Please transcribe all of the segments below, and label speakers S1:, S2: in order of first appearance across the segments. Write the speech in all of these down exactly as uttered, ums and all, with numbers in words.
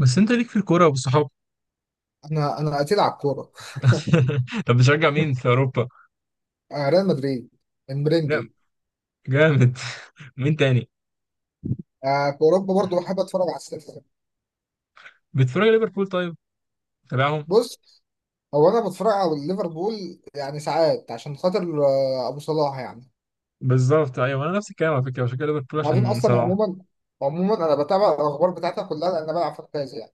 S1: بس انت ليك في الكوره والصحاب.
S2: انا انا قتيل على الكوره.
S1: طب بتشجع مين في اوروبا؟
S2: آه، ريال مدريد.
S1: لا،
S2: المرنجي.
S1: جامد. مين تاني؟
S2: آه، في اوروبا برضو بحب اتفرج على السيتي.
S1: بتتفرج على ليفربول؟ طيب، تابعهم.
S2: بص، هو انا بتفرج على ليفربول يعني ساعات عشان خاطر آه، ابو صلاح يعني.
S1: بالظبط، ايوه، انا نفس الكلام على فكره، بشجع ليفربول
S2: وبعدين
S1: عشان
S2: اصلا
S1: صلاح.
S2: عموما عموما انا بتابع الاخبار بتاعتها كلها لان انا بلعب فانتازي يعني.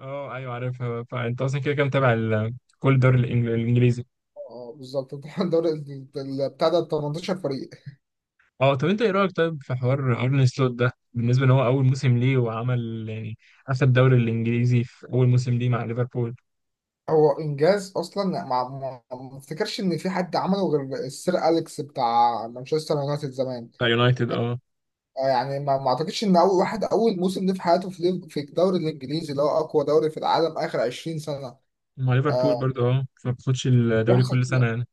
S1: اه، ايوه عارفها، فانت اصلا كده كده متابع ال- كل الدوري الإنج- الانجليزي.
S2: اه، بالظبط. الدوري ال- ال- بتاع ده تمنتاشر فريق.
S1: اه، طب انت ايه رايك طيب في حوار ارن سلوت ده، بالنسبه ان هو اول موسم ليه وعمل يعني اخد الدوري الانجليزي في اول موسم ليه مع ليفربول.
S2: هو انجاز اصلا، ما ما ما افتكرش ان في حد عمله غير السير اليكس بتاع مانشستر يونايتد زمان.
S1: مع يونايتد، اه.
S2: آه، يعني ما ما اعتقدش ان اول واحد اول موسم ليه في حياته في ليف- في الدوري الانجليزي اللي هو اقوى دوري في العالم اخر عشرين سنه.
S1: مع ليفربول
S2: آه،
S1: برضه، اه، فما بتاخدش الدوري
S2: بيحصل
S1: كل سنه
S2: كده.
S1: يعني.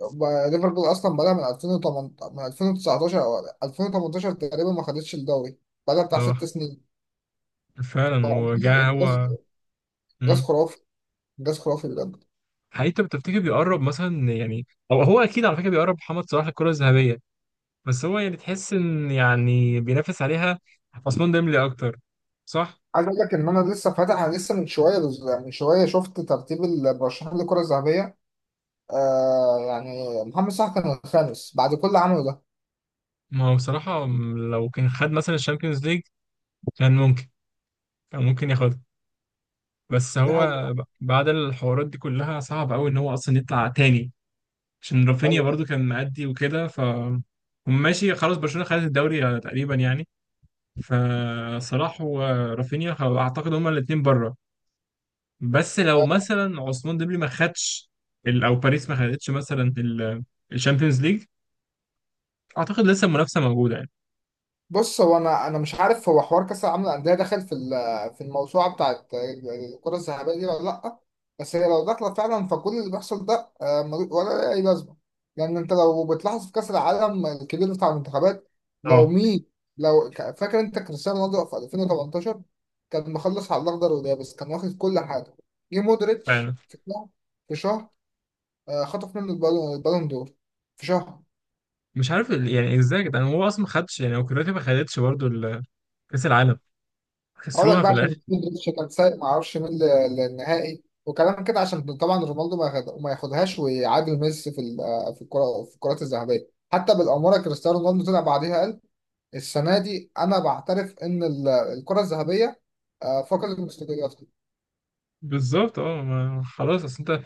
S2: ب- ليفربول اصلا بدأ من ألفين وتمنتاشر، من ألفين وتسعتاشر او ألفين وتمنتاشر تقريبا ما خدتش الدوري. بدأ بتاع ست
S1: اه
S2: سنين ف-
S1: فعلا، وجا هو.
S2: انجاز. إنجاز
S1: امم
S2: خرافي. انجاز خرافي بجد.
S1: حقيقي، انت بتفتكر بيقرب مثلا يعني، او هو اكيد على فكره بيقرب محمد صلاح للكره الذهبيه؟ بس هو يعني تحس ان يعني بينافس عليها عثمان ديمبلي اكتر، صح؟
S2: عايز اقول لك ان انا لسه فاتح انا لسه من شويه من شويه شفت ترتيب المرشحين للكره الذهبيه. آه، يعني محمد صلاح كان الخامس بعد كل اللي عمله ده.
S1: ما هو بصراحه لو كان خد مثلا الشامبيونز ليج، كان ممكن كان ممكن ياخدها. بس
S2: دي
S1: هو
S2: حقيقة.
S1: ب- بعد الحوارات دي كلها، صعب قوي ان هو اصلا يطلع تاني. عشان رافينيا
S2: أيوة.
S1: برضو كان مأدي وكده، ف هم ماشي، خلاص برشلونه خدت الدوري تقريبا يعني. فصلاح ورافينيا خ- اعتقد هما الاثنين بره. بس لو مثلا عثمان ديمبلي ما خدش ال- او باريس ما خدتش مثلا الشامبيونز ليج، اعتقد لسه المنافسه موجوده يعني.
S2: بص، هو انا انا مش عارف هو حوار كاس العالم للانديه داخل في ال- في الموسوعه بتاعت الكره الذهبيه دي ولا لا. بس هي لو داخله فعلا فكل اللي بيحصل ده آه، مل- ولا اي لازمه. لان انت لو بتلاحظ في كاس العالم الكبير بتاع المنتخبات. لو
S1: اه
S2: مين. لو ك- فاكر انت كريستيانو رونالدو في ألفين وتمنتاشر كان مخلص على الاخضر واليابس، كان واخد كل حاجه. جه مودريتش
S1: فعلا.
S2: في شهر. في شهر آه، خطف منه البالون البالون دور. في شهر.
S1: مش عارف ال- يعني ازاي يا جدعان هو اصلا ما خدش يعني، او كرواتيا ما خدتش برضه ال- كاس العالم،
S2: هقولك
S1: خسروها
S2: بقى
S1: في
S2: عشان
S1: الاخر.
S2: مودريتش كان سايق ما اعرفش مين ل- للنهائي وكلام كده، عشان طبعا رونالدو ما ياخد- ما ياخدهاش ويعادل ميسي في ال- في الكره في الكرات الذهبيه. حتى بالاماره كريستيانو رونالدو طلع بعديها قال السنه دي انا بعترف ان ال- الكره الذهبيه آه، فقدت مستقلها.
S1: بالظبط، اه، ما- خلاص، اصل انت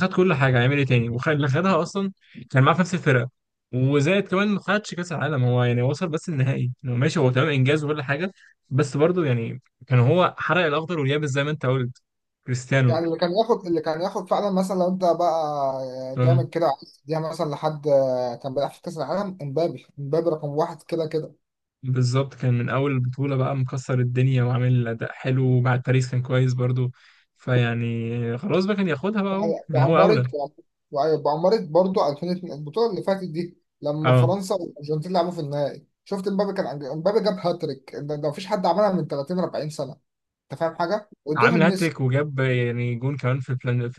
S1: خد كل حاجه، هيعمل ايه تاني؟ وخد اللي خدها اصلا كان معاه في نفس الفرقه، وزائد كمان ما خدش كاس العالم هو يعني، وصل بس النهائي، يعني ماشي، هو تمام انجاز وكل حاجه، بس برضه يعني كان هو حرق الاخضر واليابس زي ما انت قلت، كريستيانو.
S2: يعني اللي كان ياخد اللي كان ياخد فعلا، مثلا لو انت بقى
S1: اه
S2: جامد كده عايز تديها مثلا لحد آه، كان بيلعب في كاس العالم، امبابي امبابي رقم واحد كده كده.
S1: بالظبط، كان من اول البطوله بقى مكسر الدنيا وعامل اداء حلو، وبعد باريس كان كويس برضه. فيعني خلاص بقى كان ياخدها بقى، اهو
S2: يعني
S1: ان هو
S2: بعمرت
S1: اولى.
S2: بعمرت برضو ألفين واتنين، البطولة اللي فاتت دي، لما
S1: اه،
S2: فرنسا والأرجنتين لعبوا في النهائي شفت امبابي كان عند- امبابي جاب هاتريك، ده ده مفيش حد عملها من ثلاثين اربعين سنة. انت فاهم حاجة؟ وادوها
S1: عامل
S2: لميسي.
S1: هاتريك وجاب يعني جون كمان في البلان، في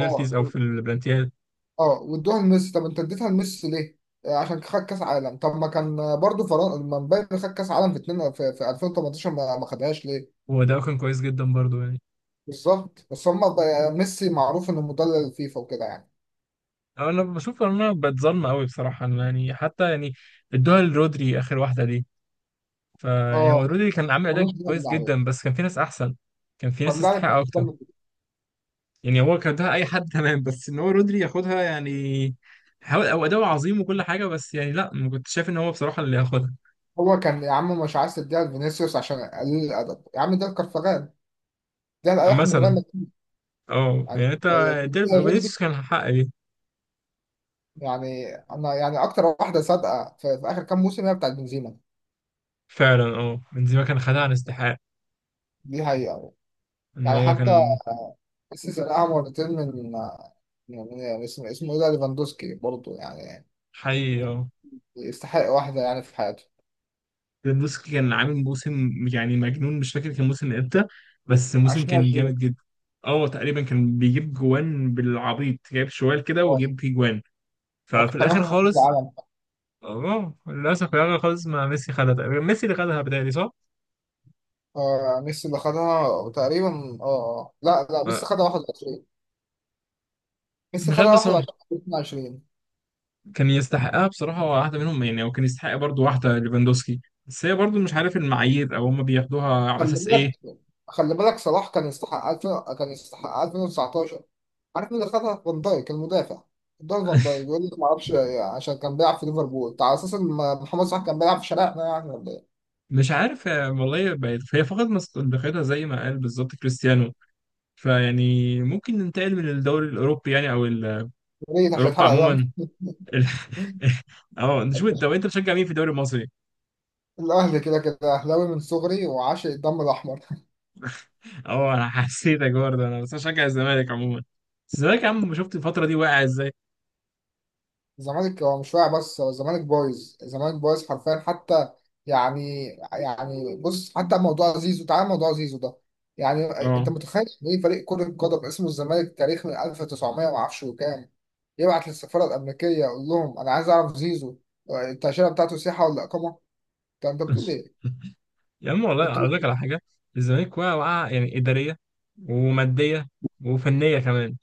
S2: اه،
S1: او في البلانتيات.
S2: اه، وادوها لميسي. طب انت اديتها لميسي ليه؟ آه، عشان خد كاس عالم. طب ما كان برضو فرنسا لما امبابي خد كاس عالم في اتنين في, في ألفين وتمنتاشر ما ما خدهاش ليه؟
S1: وده كان كويس جدا برضو يعني.
S2: بالظبط بس هم، ميسي معروف انه مدلل الفيفا وكده يعني.
S1: أو انا بشوف ان انا بتظلم قوي بصراحه، إن يعني حتى يعني ادوها لرودري اخر واحده دي. فيعني هو
S2: اه،
S1: رودري كان عامل اداء
S2: ملوش
S1: كويس
S2: دعوه عليه.
S1: جدا، بس كان في ناس احسن، كان في ناس
S2: ولا
S1: تستحق اكتر. يعني هو كان اداها اي حد تمام، بس ان هو رودري ياخدها يعني، حاول او اداؤه عظيم وكل حاجه، بس يعني لا، ما كنتش شايف ان هو بصراحه اللي ياخدها.
S2: هو كان يا عم مش عايز تديها لفينيسيوس عشان قليل الادب، يا عم ده الكرفغان، ده القح من غير
S1: مثلا،
S2: ما تكلم.
S1: اه
S2: يعني
S1: يعني انت،
S2: تديها
S1: ديربي
S2: رودري؟
S1: كان حق.
S2: يعني انا يعني اكتر واحده صادقه في, في اخر كام موسم هي بتاعت بنزيما.
S1: فعلا، اه، بنزيما كان خدها عن استحقاق،
S2: دي حقيقه.
S1: ان
S2: يعني
S1: هو
S2: حتى
S1: كان.
S2: السيزون الاول مرتين من من من اسمه اسمه ايه ده، ليفاندوسكي برضه يعني
S1: حي، اه.
S2: يستحق واحده يعني في حياته.
S1: ليفاندوسكي كان عامل موسم يعني مجنون، مش فاكر كان موسم امتى، بس الموسم كان جامد
S2: ألفين وعشرين.
S1: جدا. اه تقريبا كان بيجيب جوان بالعبيط، جايب شوال كده
S2: اه،
S1: وجيب فيه جوان.
S2: هو
S1: ففي
S2: كان
S1: الاخر
S2: واخد هداف
S1: خالص،
S2: العالم.
S1: اه للاسف في الاخر خالص ما ميسي خدها تقريبا، ميسي اللي خدها بتهيألي، صح؟
S2: آه ميسي اللي خدها تقريبا. اه آه. لا لا،
S1: ما-
S2: ميسي خدها واحد وعشرين. ميسي
S1: مش عارف
S2: خدها
S1: بس هو
S2: واحد وعشرين اتنين وعشرين.
S1: كان يستحقها بصراحة، واحدة منهم يعني، وكان يستحق برضه واحدة ليفاندوسكي، بس هي برضه مش عارف المعايير او هم بياخدوها على
S2: خلي
S1: اساس ايه.
S2: بالك خلي بالك، صلاح كان يستحق ألفين، كان يستحق ألفين وتسعتاشر. عارف مين اللي خدها؟ فان دايك، المدافع. دول فان دايك يقول لك ما اعرفش، عشان كان بيلعب في ليفربول. انت على اساس ان محمد صلاح كان بيلعب في شارعنا يعني ولا ايه؟
S1: مش عارف، آه، والله بقت هي فقدت مصداقيتها زي ما قال بالظبط كريستيانو. فيعني ممكن ننتقل من الدوري الاوروبي يعني، او ال-
S2: يا ريت عشان
S1: اوروبا
S2: اتحرق دم.
S1: عموما. ال- اه، نشوف. انت طب انت بتشجع مين في الدوري المصري؟
S2: الاهلي كده كده، اهلاوي من صغري وعاشق الدم الاحمر.
S1: اه، انا حسيتك برضه، انا بس بشجع الزمالك عموما. بس الزمالك يا عم، شفت الفتره دي واقع ازاي؟
S2: الزمالك هو مش واقع، بس هو الزمالك بايظ، الزمالك بايظ حرفيا حتى. يعني، يعني بص، حتى موضوع زيزو، تعال موضوع زيزو ده. يعني انت
S1: اه.
S2: متخيل ان ايه فريق كرة قدم اسمه الزمالك، تاريخ من ألف وتسعميه ما اعرفش وكام، يبعت للسفارة الأمريكية يقول لهم أنا عايز أعرف زيزو التأشيرة بتاعته سياحة ولا إقامة؟ انت انت بتقول إيه؟
S1: يا عم
S2: انت،
S1: والله اقول لك على حاجه، الزمالك واقع واقع يعني، اداريه وماديه وفنيه كمان.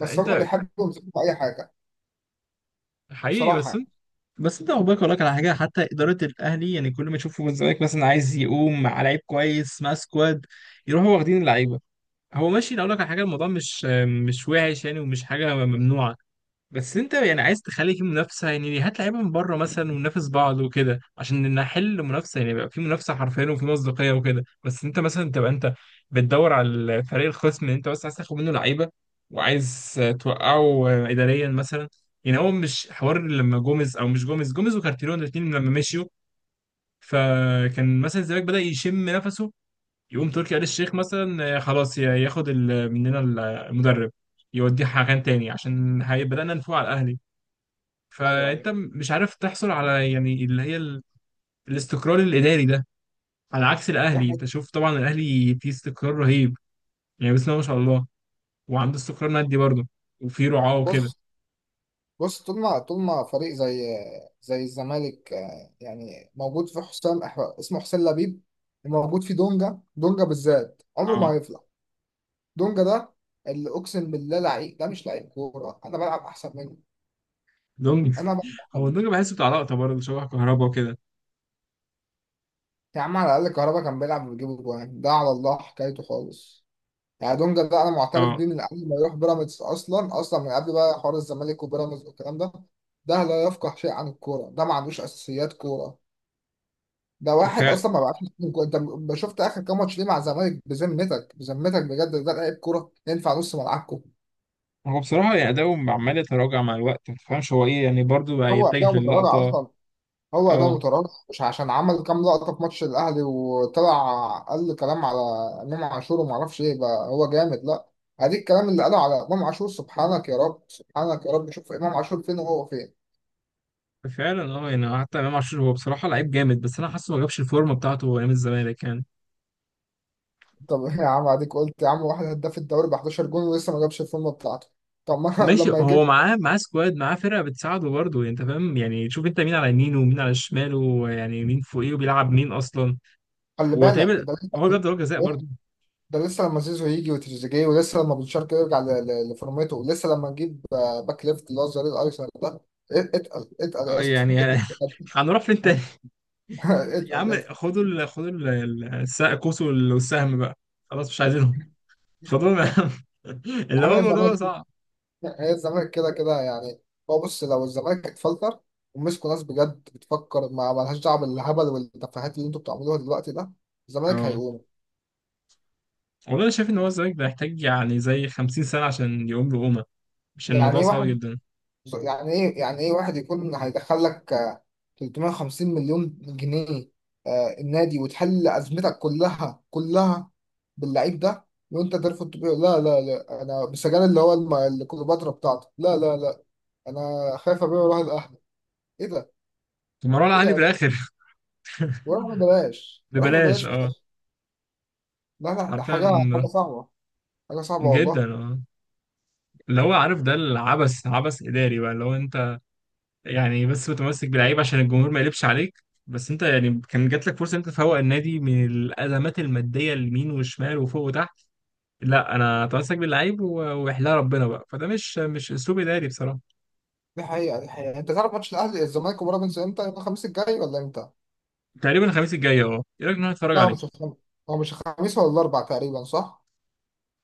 S2: بس هم بيحبوا يمسكوا في أي حاجة،
S1: حقيقي
S2: صراحة
S1: بس.
S2: يعني.
S1: بس انت عقبالك اقول لك على حاجه، حتى اداره الاهلي يعني كل ما تشوفوا الزمالك مثلا عايز يقوم مع لعيب كويس مع سكواد، يروحوا واخدين اللعيبه. هو ماشي، اقول لك على حاجه، الموضوع مش مش وحش يعني، ومش حاجه ممنوعه. بس انت يعني عايز تخلي في منافسه، يعني هات لعيبه من بره مثلا وننافس بعض وكده، عشان نحل منافسه يعني، يبقى في منافسه حرفيا وفي مصداقيه وكده. بس انت مثلا تبقى انت بتدور على الفريق الخصم اللي انت بس عايز تاخد منه لعيبه، وعايز توقعه اداريا مثلا. يعني هو مش حوار لما جوميز، او مش جوميز، جوميز وكارتيرون الاثنين لما مشيوا. فكان مثلا الزمالك بدأ يشم نفسه، يقوم تركي آل الشيخ مثلا، آه، خلاص ياخد ال- مننا المدرب، يوديه مكان تاني عشان هي- بدأنا نفوق على الاهلي.
S2: أيوه، أيوه.
S1: فانت م- مش عارف تحصل على يعني اللي هي ال... الاستقرار الاداري ده، على عكس
S2: دي
S1: الاهلي. انت
S2: حاجة-
S1: شوف، طبعا الاهلي فيه استقرار رهيب، يعني بسم الله ما شاء الله، وعنده استقرار مادي برضه، وفيه رعاه وكده.
S2: بص بص، طول ما طول ما فريق زي زي الزمالك آه، يعني موجود في حسام أح- اسمه حسين لبيب، وموجود في دونجا، دونجا بالذات عمره ما
S1: اه،
S2: هيفلح. دونجا ده، اللي اقسم بالله لعيب ده مش لعيب كوره، انا بلعب احسن منه.
S1: دونجا،
S2: انا بلعب احسن
S1: هو دونجا
S2: منه.
S1: بحسه بتاع لقطه برضه، شبه كهربا وكده.
S2: يا عم على الاقل كهربا كان بيلعب وبيجيب جوان، ده على الله حكايته خالص. يعني دونجا ده انا معترف
S1: اه،
S2: بيه من قبل ما يروح بيراميدز، اصلا اصلا من قبل بقى حوار الزمالك وبيراميدز والكلام ده. ده لا يفقه شيء عن الكوره، ده ما عندوش اساسيات كوره. ده
S1: ف
S2: واحد اصلا ما بعتش. انت م- شفت اخر كام ماتش ليه مع الزمالك؟ بذمتك بذمتك بجد ده لعيب كوره ينفع نص ملعبكم؟
S1: هو بصراحه يعني اداؤه عمال يتراجع مع الوقت، ما تفهمش هو ايه يعني برضه بقى،
S2: هو ده
S1: يتجه
S2: متراجع
S1: للقطه.
S2: اصلا. هو ده
S1: اه
S2: متراجع مش عشان عمل كام لقطه في ماتش الاهلي وطلع قال كلام على امام عاشور وما اعرفش ايه بقى هو جامد، لا. اديك الكلام اللي قاله على امام عاشور، سبحانك يا رب سبحانك يا رب، شوف امام عاشور فين وهو فين.
S1: فعلا، اه، يعني حتى امام عاشور هو بصراحه لعيب جامد، بس انا حاسه ما جابش الفورمه بتاعته ايام الزمالك يعني.
S2: طب، يا عم اديك قلت يا عم، واحد هداف الدوري ب احداشر جون ولسه ما جابش الفورمه بتاعته؟ طب، ما
S1: ماشي،
S2: لما
S1: هو
S2: يجيب.
S1: معاه معاه سكواد، معاه فرقه بتساعده برضه يعني، انت فاهم يعني، شوف انت مين على يمينه ومين على شماله ويعني مين فوقيه وبيلعب مين اصلا.
S2: خلي بالك
S1: وتقريبا
S2: ده
S1: هو جاب ضربه جزاء
S2: لسه.
S1: برضه.
S2: ده لسه لما زيزو يجي وتريزيجيه، ولسه لما بن شرقي يرجع ل- ل- لفورمته، ولسه لما نجيب آه، باك ليفت اللي هو الظهير الايسر ده. ات- اتقل اتقل
S1: آه،
S2: يا اسطى
S1: يعني
S2: اتقل.
S1: هنروح فين تاني؟
S2: اتقل
S1: يا
S2: اتقل
S1: عم،
S2: اتقل.
S1: خدوا ال... خدوا ال... ال- الس- الكوس وال- والسهم بقى، خلاص مش عايزينهم. خدوهم يا عم. اللي هو
S2: عمل
S1: الموضوع ده
S2: الزمالك.
S1: صعب.
S2: هي الزمالك كده كده يعني. هو بص، لو الزمالك اتفلتر ومسكوا ناس بجد بتفكر، ما مالهاش دعوه بالهبل والتفاهات اللي انتوا بتعملوها دلوقتي ده، الزمالك
S1: اه
S2: هيقوم.
S1: والله انا شايف ان هو الزمالك ده يحتاج يعني زي خمسين سنه عشان يقوم له قومه، عشان
S2: يعني
S1: الموضوع
S2: ايه
S1: صعب
S2: واحد،
S1: جدا.
S2: يعني ايه يعني ايه واحد يكون هيدخل لك آه، تلتميه وخمسين مليون جنيه آه، النادي وتحل ازمتك كلها كلها، باللعيب ده وانت ترفض تبيعه؟ لا لا لا، انا بسجل اللي هو الم- اللي كليوباترا بتاعته. لا لا لا، انا خايف ابيعه واروح الاهلي. ايه ده،
S1: مروان
S2: ايه
S1: علي
S2: ده؟
S1: بالاخر.
S2: وراح ببلاش، وراح
S1: ببلاش،
S2: ببلاش في
S1: اه،
S2: الآخر. لا لا، ده حاجه، حاجه
S1: حرفيا،
S2: صعبه، حاجه صعبه
S1: جدا،
S2: والله.
S1: اه. اللي هو عارف ده العبث، عبث إداري بقى، اللي هو أنت يعني بس متمسك باللعيب عشان الجمهور ما يقلبش عليك. بس أنت يعني كان جات لك فرصة إن أنت تفوق النادي من الأزمات المادية، اليمين والشمال وفوق وتحت. لا، أنا أتمسك باللعيب و- ويحلها ربنا بقى، فده مش مش أسلوب إداري بصراحة.
S2: دي حقيقه، دي حقيقه. انت تعرف ماتش الاهلي الزمالك وبيراميدز امتى؟ يوم الخميس الجاي ولا امتى؟
S1: تقريبا الخميس الجاي، أه، إيه رأيك إن أنا أتفرج
S2: لا، هو مش
S1: عليه؟
S2: الخميس. هو مش الخميس ولا الاربع تقريبا، صح؟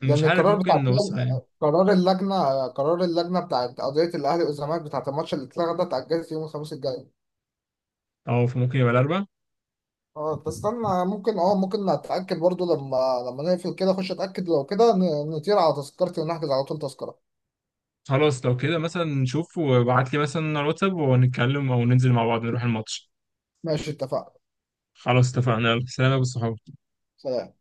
S1: مش
S2: لان
S1: عارف،
S2: القرار بتاع،
S1: ممكن نبص عليه
S2: قرار اللجنه قرار اللجنه بتاعت قضيه الاهلي والزمالك بتاعت الماتش اللي اتلغى ده، اتاجلت يوم الخميس الجاي.
S1: أو ممكن يبقى الأربع.
S2: اه، بس استنى، ممكن اه ممكن اتاكد برضو، لما لما نقفل كده اخش اتاكد. لو كده ن- نطير على تذكرتي ونحجز على طول تذكره.
S1: خلاص، لو كده مثلا نشوف، وابعت لي مثلا على الواتساب ونتكلم، أو ننزل مع بعض نروح الماتش.
S2: ماشي، اتفقنا.
S1: خلاص اتفقنا، يلا سلام يا أبو الصحاب.
S2: سلام.